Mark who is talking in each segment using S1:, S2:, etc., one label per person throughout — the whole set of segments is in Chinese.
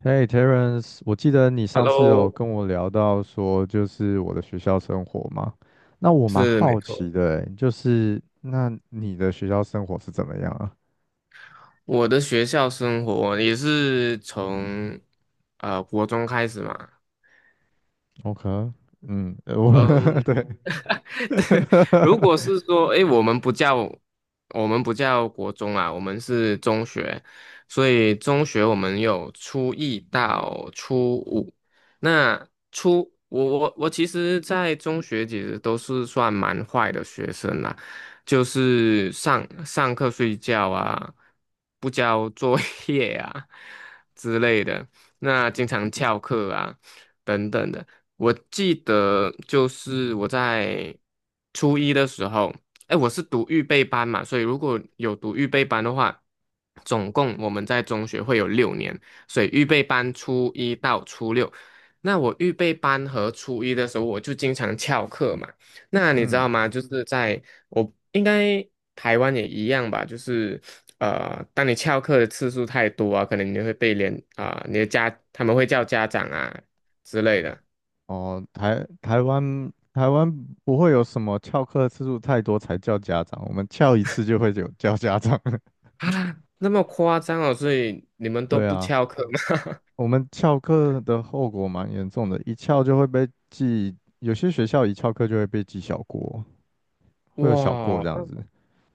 S1: Hey Terence，我记得你上次有
S2: Hello，
S1: 跟我聊到说，就是我的学校生活嘛。那我蛮
S2: 是没
S1: 好奇
S2: 错。
S1: 的欸，就是那你的学校生活是怎么样啊
S2: 我的学校生活也是从国中开始嘛，
S1: ？OK。嗯。
S2: 嗯。
S1: 对。
S2: 如果是说，诶，我们不叫国中啊，我们是中学，所以中学我们有初一到初五。那初我我我其实，在中学其实都是算蛮坏的学生啦，就是上上课睡觉啊，不交作业啊之类的，那经常翘课啊等等的。我记得就是我在初一的时候，哎，我是读预备班嘛，所以如果有读预备班的话，总共我们在中学会有六年，所以预备班初一到初六。那我预备班和初一的时候，我就经常翘课嘛。那你知道
S1: 嗯。
S2: 吗？就是在我应该台湾也一样吧，就是当你翘课的次数太多啊，可能你会被连啊、你的家他们会叫家长啊之类的。
S1: 哦，台湾不会有什么翘课次数太多才叫家长，我们翘一次就会有叫家长。
S2: 啊，那么夸张哦，所以你 们都
S1: 对
S2: 不
S1: 啊。
S2: 翘课吗？
S1: 我们翘课的后果蛮严重的，一翘就会被记，有些学校一翘课就会被记小过，会有小过
S2: 哇，
S1: 这样子。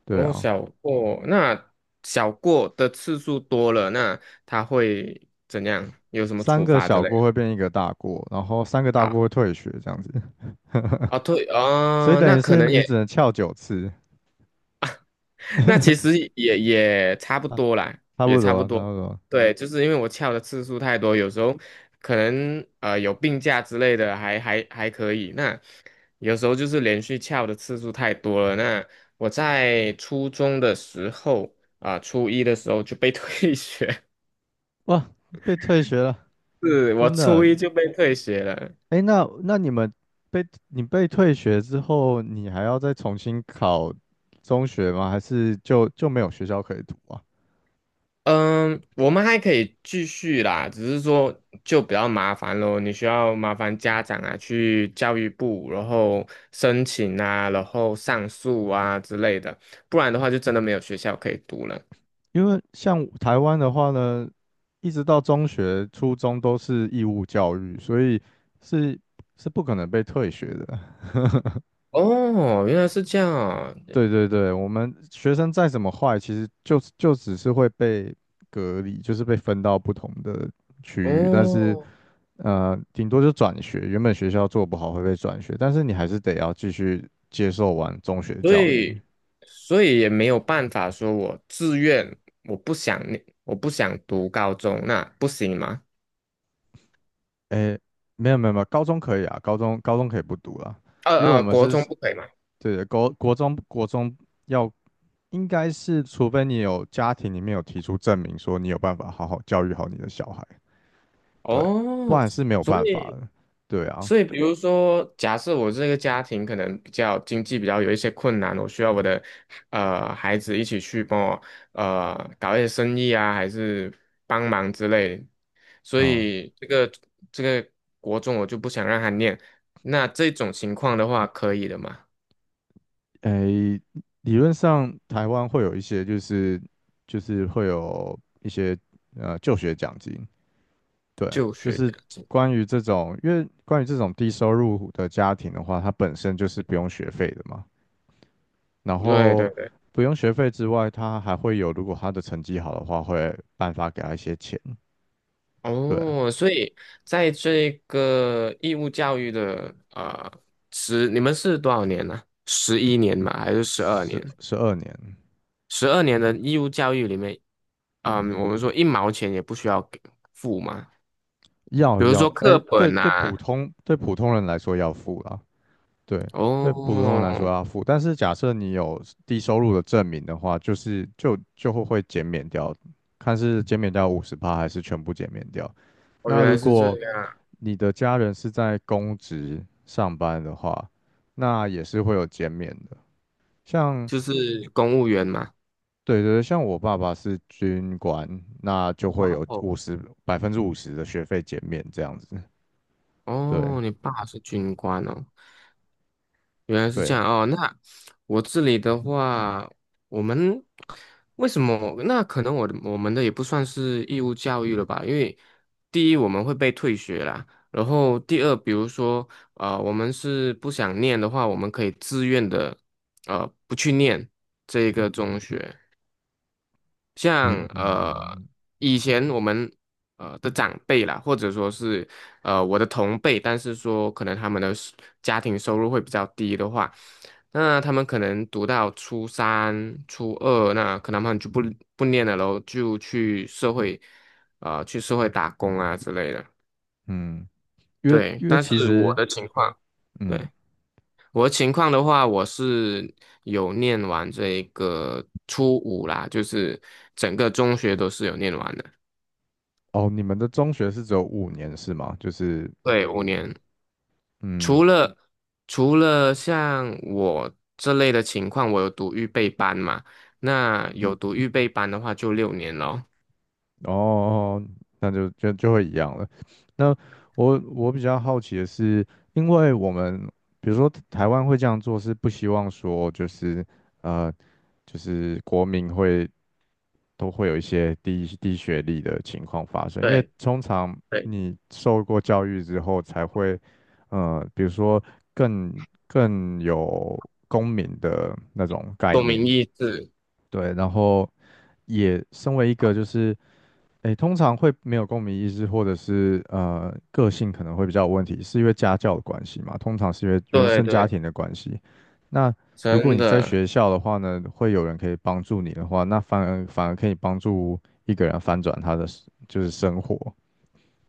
S1: 对
S2: 哦，
S1: 啊，
S2: 小过，那小过的次数多了，那他会怎样？有什么
S1: 三
S2: 处
S1: 个
S2: 罚之
S1: 小
S2: 类
S1: 过
S2: 的
S1: 会变一个大过，然后三个大
S2: 啊？
S1: 过会退学这样子。
S2: 哦，对，
S1: 所以
S2: 哦，
S1: 等于是你只能翘9次。
S2: 那其实也差不多啦，
S1: 差
S2: 也
S1: 不
S2: 差
S1: 多，
S2: 不
S1: 差
S2: 多。
S1: 不多。
S2: 对，就是因为我翘的次数太多，有时候可能有病假之类的还可以。那有时候就是连续翘的次数太多了。那我在初中的时候啊，初一的时候就被 退学，
S1: 哇，被退学了，
S2: 是我
S1: 真
S2: 初
S1: 的。
S2: 一就被退学了。
S1: 哎，那你们被你被退学之后，你还要再重新考中学吗？还是就没有学校可以读啊？
S2: 嗯，我们还可以继续啦，只是说就比较麻烦咯，你需要麻烦家长啊，去教育部，然后申请啊，然后上诉啊之类的，不然的话就真的没有学校可以读了。
S1: 因为像台湾的话呢，一直到中学、初中都是义务教育，所以是是不可能被退学的。
S2: 哦，原来是这样啊
S1: 对对对，我们学生再怎么坏，其实就只是会被隔离，就是被分到不同的区域，但是
S2: 哦，
S1: 顶多就转学，原本学校做不好会被转学，但是你还是得要继续接受完中学
S2: 所
S1: 教育。
S2: 以所以也没有办法说我自愿，我不想念，我不想读高中，那不行吗？
S1: 诶，没有没有没有，高中可以啊，高中可以不读啦，因为我们
S2: 国
S1: 是
S2: 中不可以吗？
S1: 对的，国中要应该是，除非你有家庭里面有提出证明说你有办法好好教育好你的小孩，对，不
S2: 哦，
S1: 然是没有
S2: 所
S1: 办法
S2: 以。
S1: 的。对啊，
S2: 所以，比如说，假设我这个家庭可能比较经济比较有一些困难，我需要我的孩子一起去帮我搞一些生意啊，还是帮忙之类的，所
S1: 嗯，
S2: 以这个国中我就不想让他念。那这种情况的话，可以的嘛？
S1: 诶，理论上台湾会有一些就是会有一些就学奖金，对，
S2: 就
S1: 就
S2: 学
S1: 是
S2: 奖金。
S1: 关于这种，因为关于这种低收入户的家庭的话，它本身就是不用学费的嘛，然
S2: 对
S1: 后
S2: 对对，
S1: 不用学费之外，他还会有，如果他的成绩好的话，会颁发给他一些钱。对啊，
S2: 哦，所以在这个义务教育的你们是多少年呢、11年嘛，还是十二年？
S1: 十二年
S2: 十二年的义务教育里面，嗯，我们说一毛钱也不需要给付嘛，
S1: 要
S2: 比如
S1: 要，
S2: 说
S1: 哎，
S2: 课
S1: 对
S2: 本
S1: 对，
S2: 呐、
S1: 普通人来说要付啦，对
S2: 哦，
S1: 对，普通人来说要付。但是假设你有低收入的证明的话，就是就会减免掉，看是减免掉50%还是全部减免掉。
S2: 哦，原
S1: 那
S2: 来
S1: 如
S2: 是这
S1: 果
S2: 样，
S1: 你的家人是在公职上班的话，那也是会有减免的。像
S2: 就是公务员嘛。
S1: 对对对，像我爸爸是军官，那就
S2: 哇
S1: 会有
S2: 哦，
S1: 50%的学费减免这样子。对
S2: 哦，你爸是军官哦，原来是
S1: 对，
S2: 这样哦，那我这里的话，我们为什么？那可能我们的也不算是义务教育了吧？因为第一我们会被退学啦，然后第二，比如说啊、我们是不想念的话，我们可以自愿的不去念这个中学。像
S1: 嗯嗯
S2: 以前我们的长辈啦，或者说是我的同辈，但是说可能他们的家庭收入会比较低的话，那他们可能读到初三、初二，那可能他们就不念了咯，就去社会打工啊之类的。
S1: 嗯，因为
S2: 对，
S1: 因为
S2: 但
S1: 其
S2: 是我
S1: 实，
S2: 的情况，对，
S1: 嗯。
S2: 我的情况的话，我是有念完这个初五啦，就是整个中学都是有念完的。
S1: 哦，你们的中学是只有5年是吗？就是
S2: 对，5年，
S1: 嗯
S2: 除了除了像我这类的情况，我有读预备班嘛？那有读预备班的话，就六年咯。
S1: 哦。哦，那就会一样了。那我比较好奇的是，因为我们比如说台湾会这样做，是不希望说呃，就是国民会都会有一些低学历的情况发生，因为
S2: 对
S1: 通常
S2: 对，
S1: 你受过教育之后才会比如说更有公民的那种概
S2: 共
S1: 念。
S2: 鸣意志，
S1: 对，然后也身为一个就是，诶，通常会没有共鸣意识，或者是个性可能会比较有问题，是因为家教的关系嘛？通常是因为原
S2: 对
S1: 生家
S2: 对，
S1: 庭的关系。那如果
S2: 真
S1: 你在
S2: 的
S1: 学校的话呢，会有人可以帮助你的话，那反而可以帮助一个人翻转他的就是生活。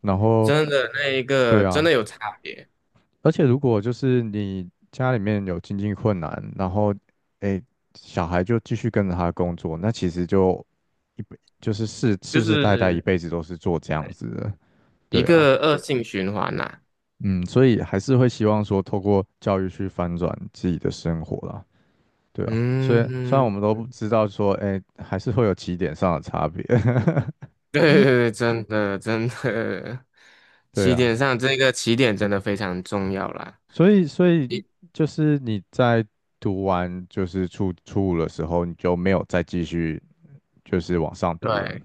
S1: 然后，
S2: 真的那一
S1: 对
S2: 个真
S1: 啊，
S2: 的有差别，
S1: 而且如果就是你家里面有经济困难，然后诶小孩就继续跟着他工作，那其实就就是世
S2: 就
S1: 世世代代一
S2: 是
S1: 辈子都是做这样
S2: 对
S1: 子的。
S2: 一
S1: 对啊，
S2: 个恶性循环呐、
S1: 嗯，所以还是会希望说透过教育去翻转自己的生活啦，对啊，所以虽然我
S2: 嗯，
S1: 们都不知道说，诶，还是会有起点上的差别。
S2: 对对对，真的真的，
S1: 对
S2: 起
S1: 啊，
S2: 点上这个起点真的非常重要啦。
S1: 所以
S2: 一
S1: 就是你在读完就是初五的时候，你就没有再继续。就是往上读了。
S2: 对，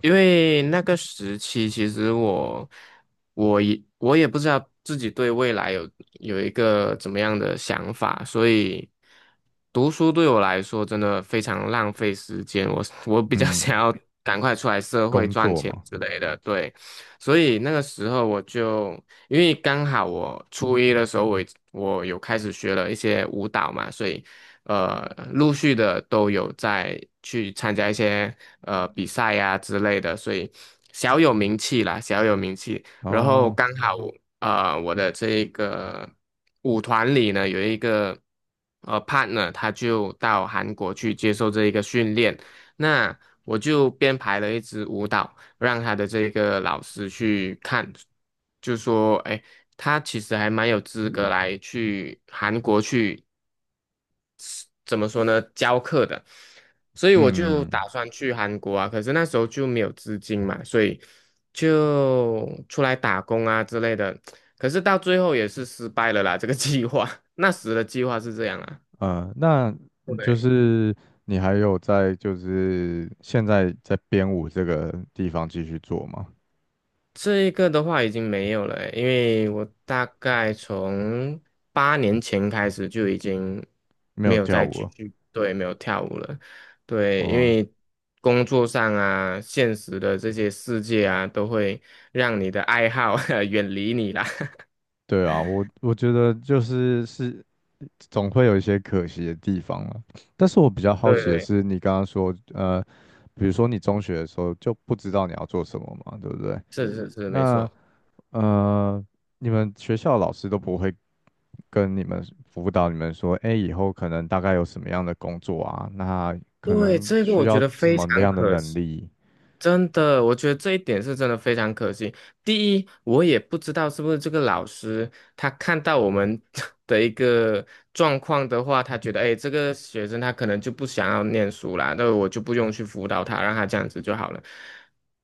S2: 因为那个时期，其实我也不知道自己对未来有一个怎么样的想法，所以读书对我来说真的非常浪费时间。我比较 想
S1: 嗯，
S2: 要赶快出来社会
S1: 工
S2: 赚
S1: 作
S2: 钱
S1: 嘛，
S2: 之类的，对。所以那个时候我就因为刚好我初一的时候我有开始学了一些舞蹈嘛，所以呃，陆续的都有在去参加一些比赛呀、之类的，所以小有名气啦，小有名气。然后
S1: 哦。
S2: 刚好哦我的这个舞团里呢有一个partner，他就到韩国去接受这一个训练，那我就编排了一支舞蹈，让他的这个老师去看，就说，哎，他其实还蛮有资格来去韩国去。怎么说呢，教课的，所以我就
S1: 嗯嗯。
S2: 打算去韩国啊，可是那时候就没有资金嘛，所以就出来打工啊之类的，可是到最后也是失败了啦，这个计划，那时的计划是这样啊。
S1: 那你就
S2: 对
S1: 是你还有在就是现在在编舞这个地方继续做吗？
S2: 这一个的话已经没有了欸因为我大概从8年前开始就已经
S1: 没
S2: 没
S1: 有
S2: 有
S1: 跳
S2: 再
S1: 舞
S2: 继
S1: 了。
S2: 续，对，没有跳舞了。对，因
S1: 哇，
S2: 为工作上啊，现实的这些世界啊，都会让你的爱好 远离你啦。
S1: 对啊，我觉得就是总会有一些可惜的地方了。但是我比较好
S2: 对
S1: 奇的
S2: 对，
S1: 是，你刚刚说，比如说你中学的时候就不知道你要做什么嘛，对不对？
S2: 是是是，没
S1: 那
S2: 错。
S1: 呃，你们学校老师都不会跟你们辅导你们说，哎，以后可能大概有什么样的工作啊？那可
S2: 对，
S1: 能
S2: 这个
S1: 需
S2: 我觉
S1: 要
S2: 得
S1: 什
S2: 非
S1: 么
S2: 常
S1: 样的
S2: 可
S1: 能
S2: 惜。
S1: 力？
S2: 真的，我觉得这一点是真的非常可惜。第一，我也不知道是不是这个老师他看到我们 的一个状况的话，他觉得，哎，这个学生他可能就不想要念书啦，那我就不用去辅导他，让他这样子就好了。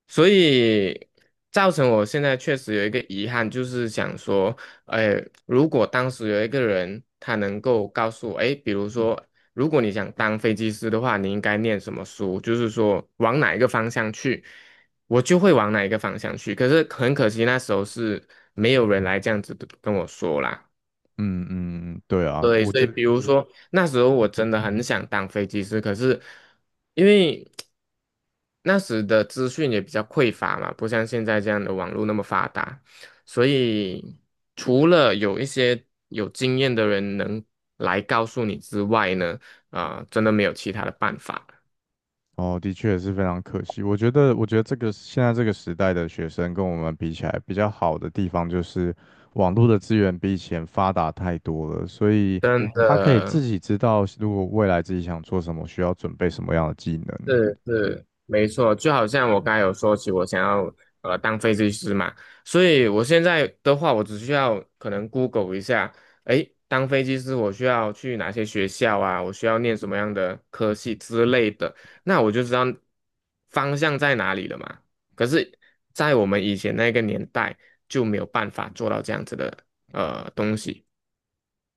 S2: 所以造成我现在确实有一个遗憾，就是想说，哎，如果当时有一个人他能够告诉我，哎，比如说。如果你想当飞机师的话，你应该念什么书？就是说往哪一个方向去，我就会往哪一个方向去。可是很可惜，那时候是没有人来这样子跟我说啦。
S1: 嗯嗯，嗯对啊，
S2: 对，
S1: 我
S2: 所
S1: 觉
S2: 以
S1: 得。
S2: 比如说那时候我真的很想当飞机师，可是因为那时的资讯也比较匮乏嘛，不像现在这样的网络那么发达，所以除了有一些有经验的人能来告诉你之外呢，啊、真的没有其他的办法，
S1: 哦，的确是非常可惜。我觉得这个现在这个时代的学生跟我们比起来，比较好的地方就是网络的资源比以前发达太多了，所以
S2: 真
S1: 他可以自
S2: 的。
S1: 己知道，如果未来自己想做什么，需要准备什么样的技能。
S2: 是是，没错，就好像我刚才有说起，我想要当飞机师嘛，所以我现在的话，我只需要可能 Google 一下，诶，当飞机师我需要去哪些学校啊？我需要念什么样的科系之类的，那我就知道方向在哪里了嘛。可是，在我们以前那个年代就没有办法做到这样子的东西，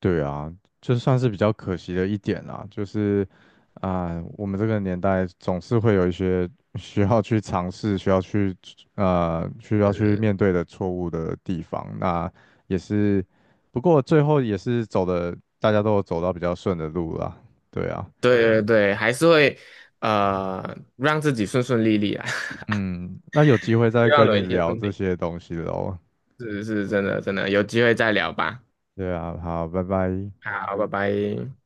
S1: 对啊，就算是比较可惜的一点啦，就是啊、我们这个年代总是会有一些需要去尝试、需要去、需要去面对的错误的地方。那也是，不过最后也是走的，大家都有走到比较顺的路啦。对啊，
S2: 对对对，还是会让自己顺顺利利啊，
S1: 嗯，那有机会再
S2: 希望
S1: 跟
S2: 有
S1: 你
S2: 一天
S1: 聊
S2: 顺
S1: 这
S2: 利。
S1: 些东西喽。
S2: 是是真的真的，有机会再聊吧。
S1: 对啊，好，拜拜。
S2: 好，拜拜。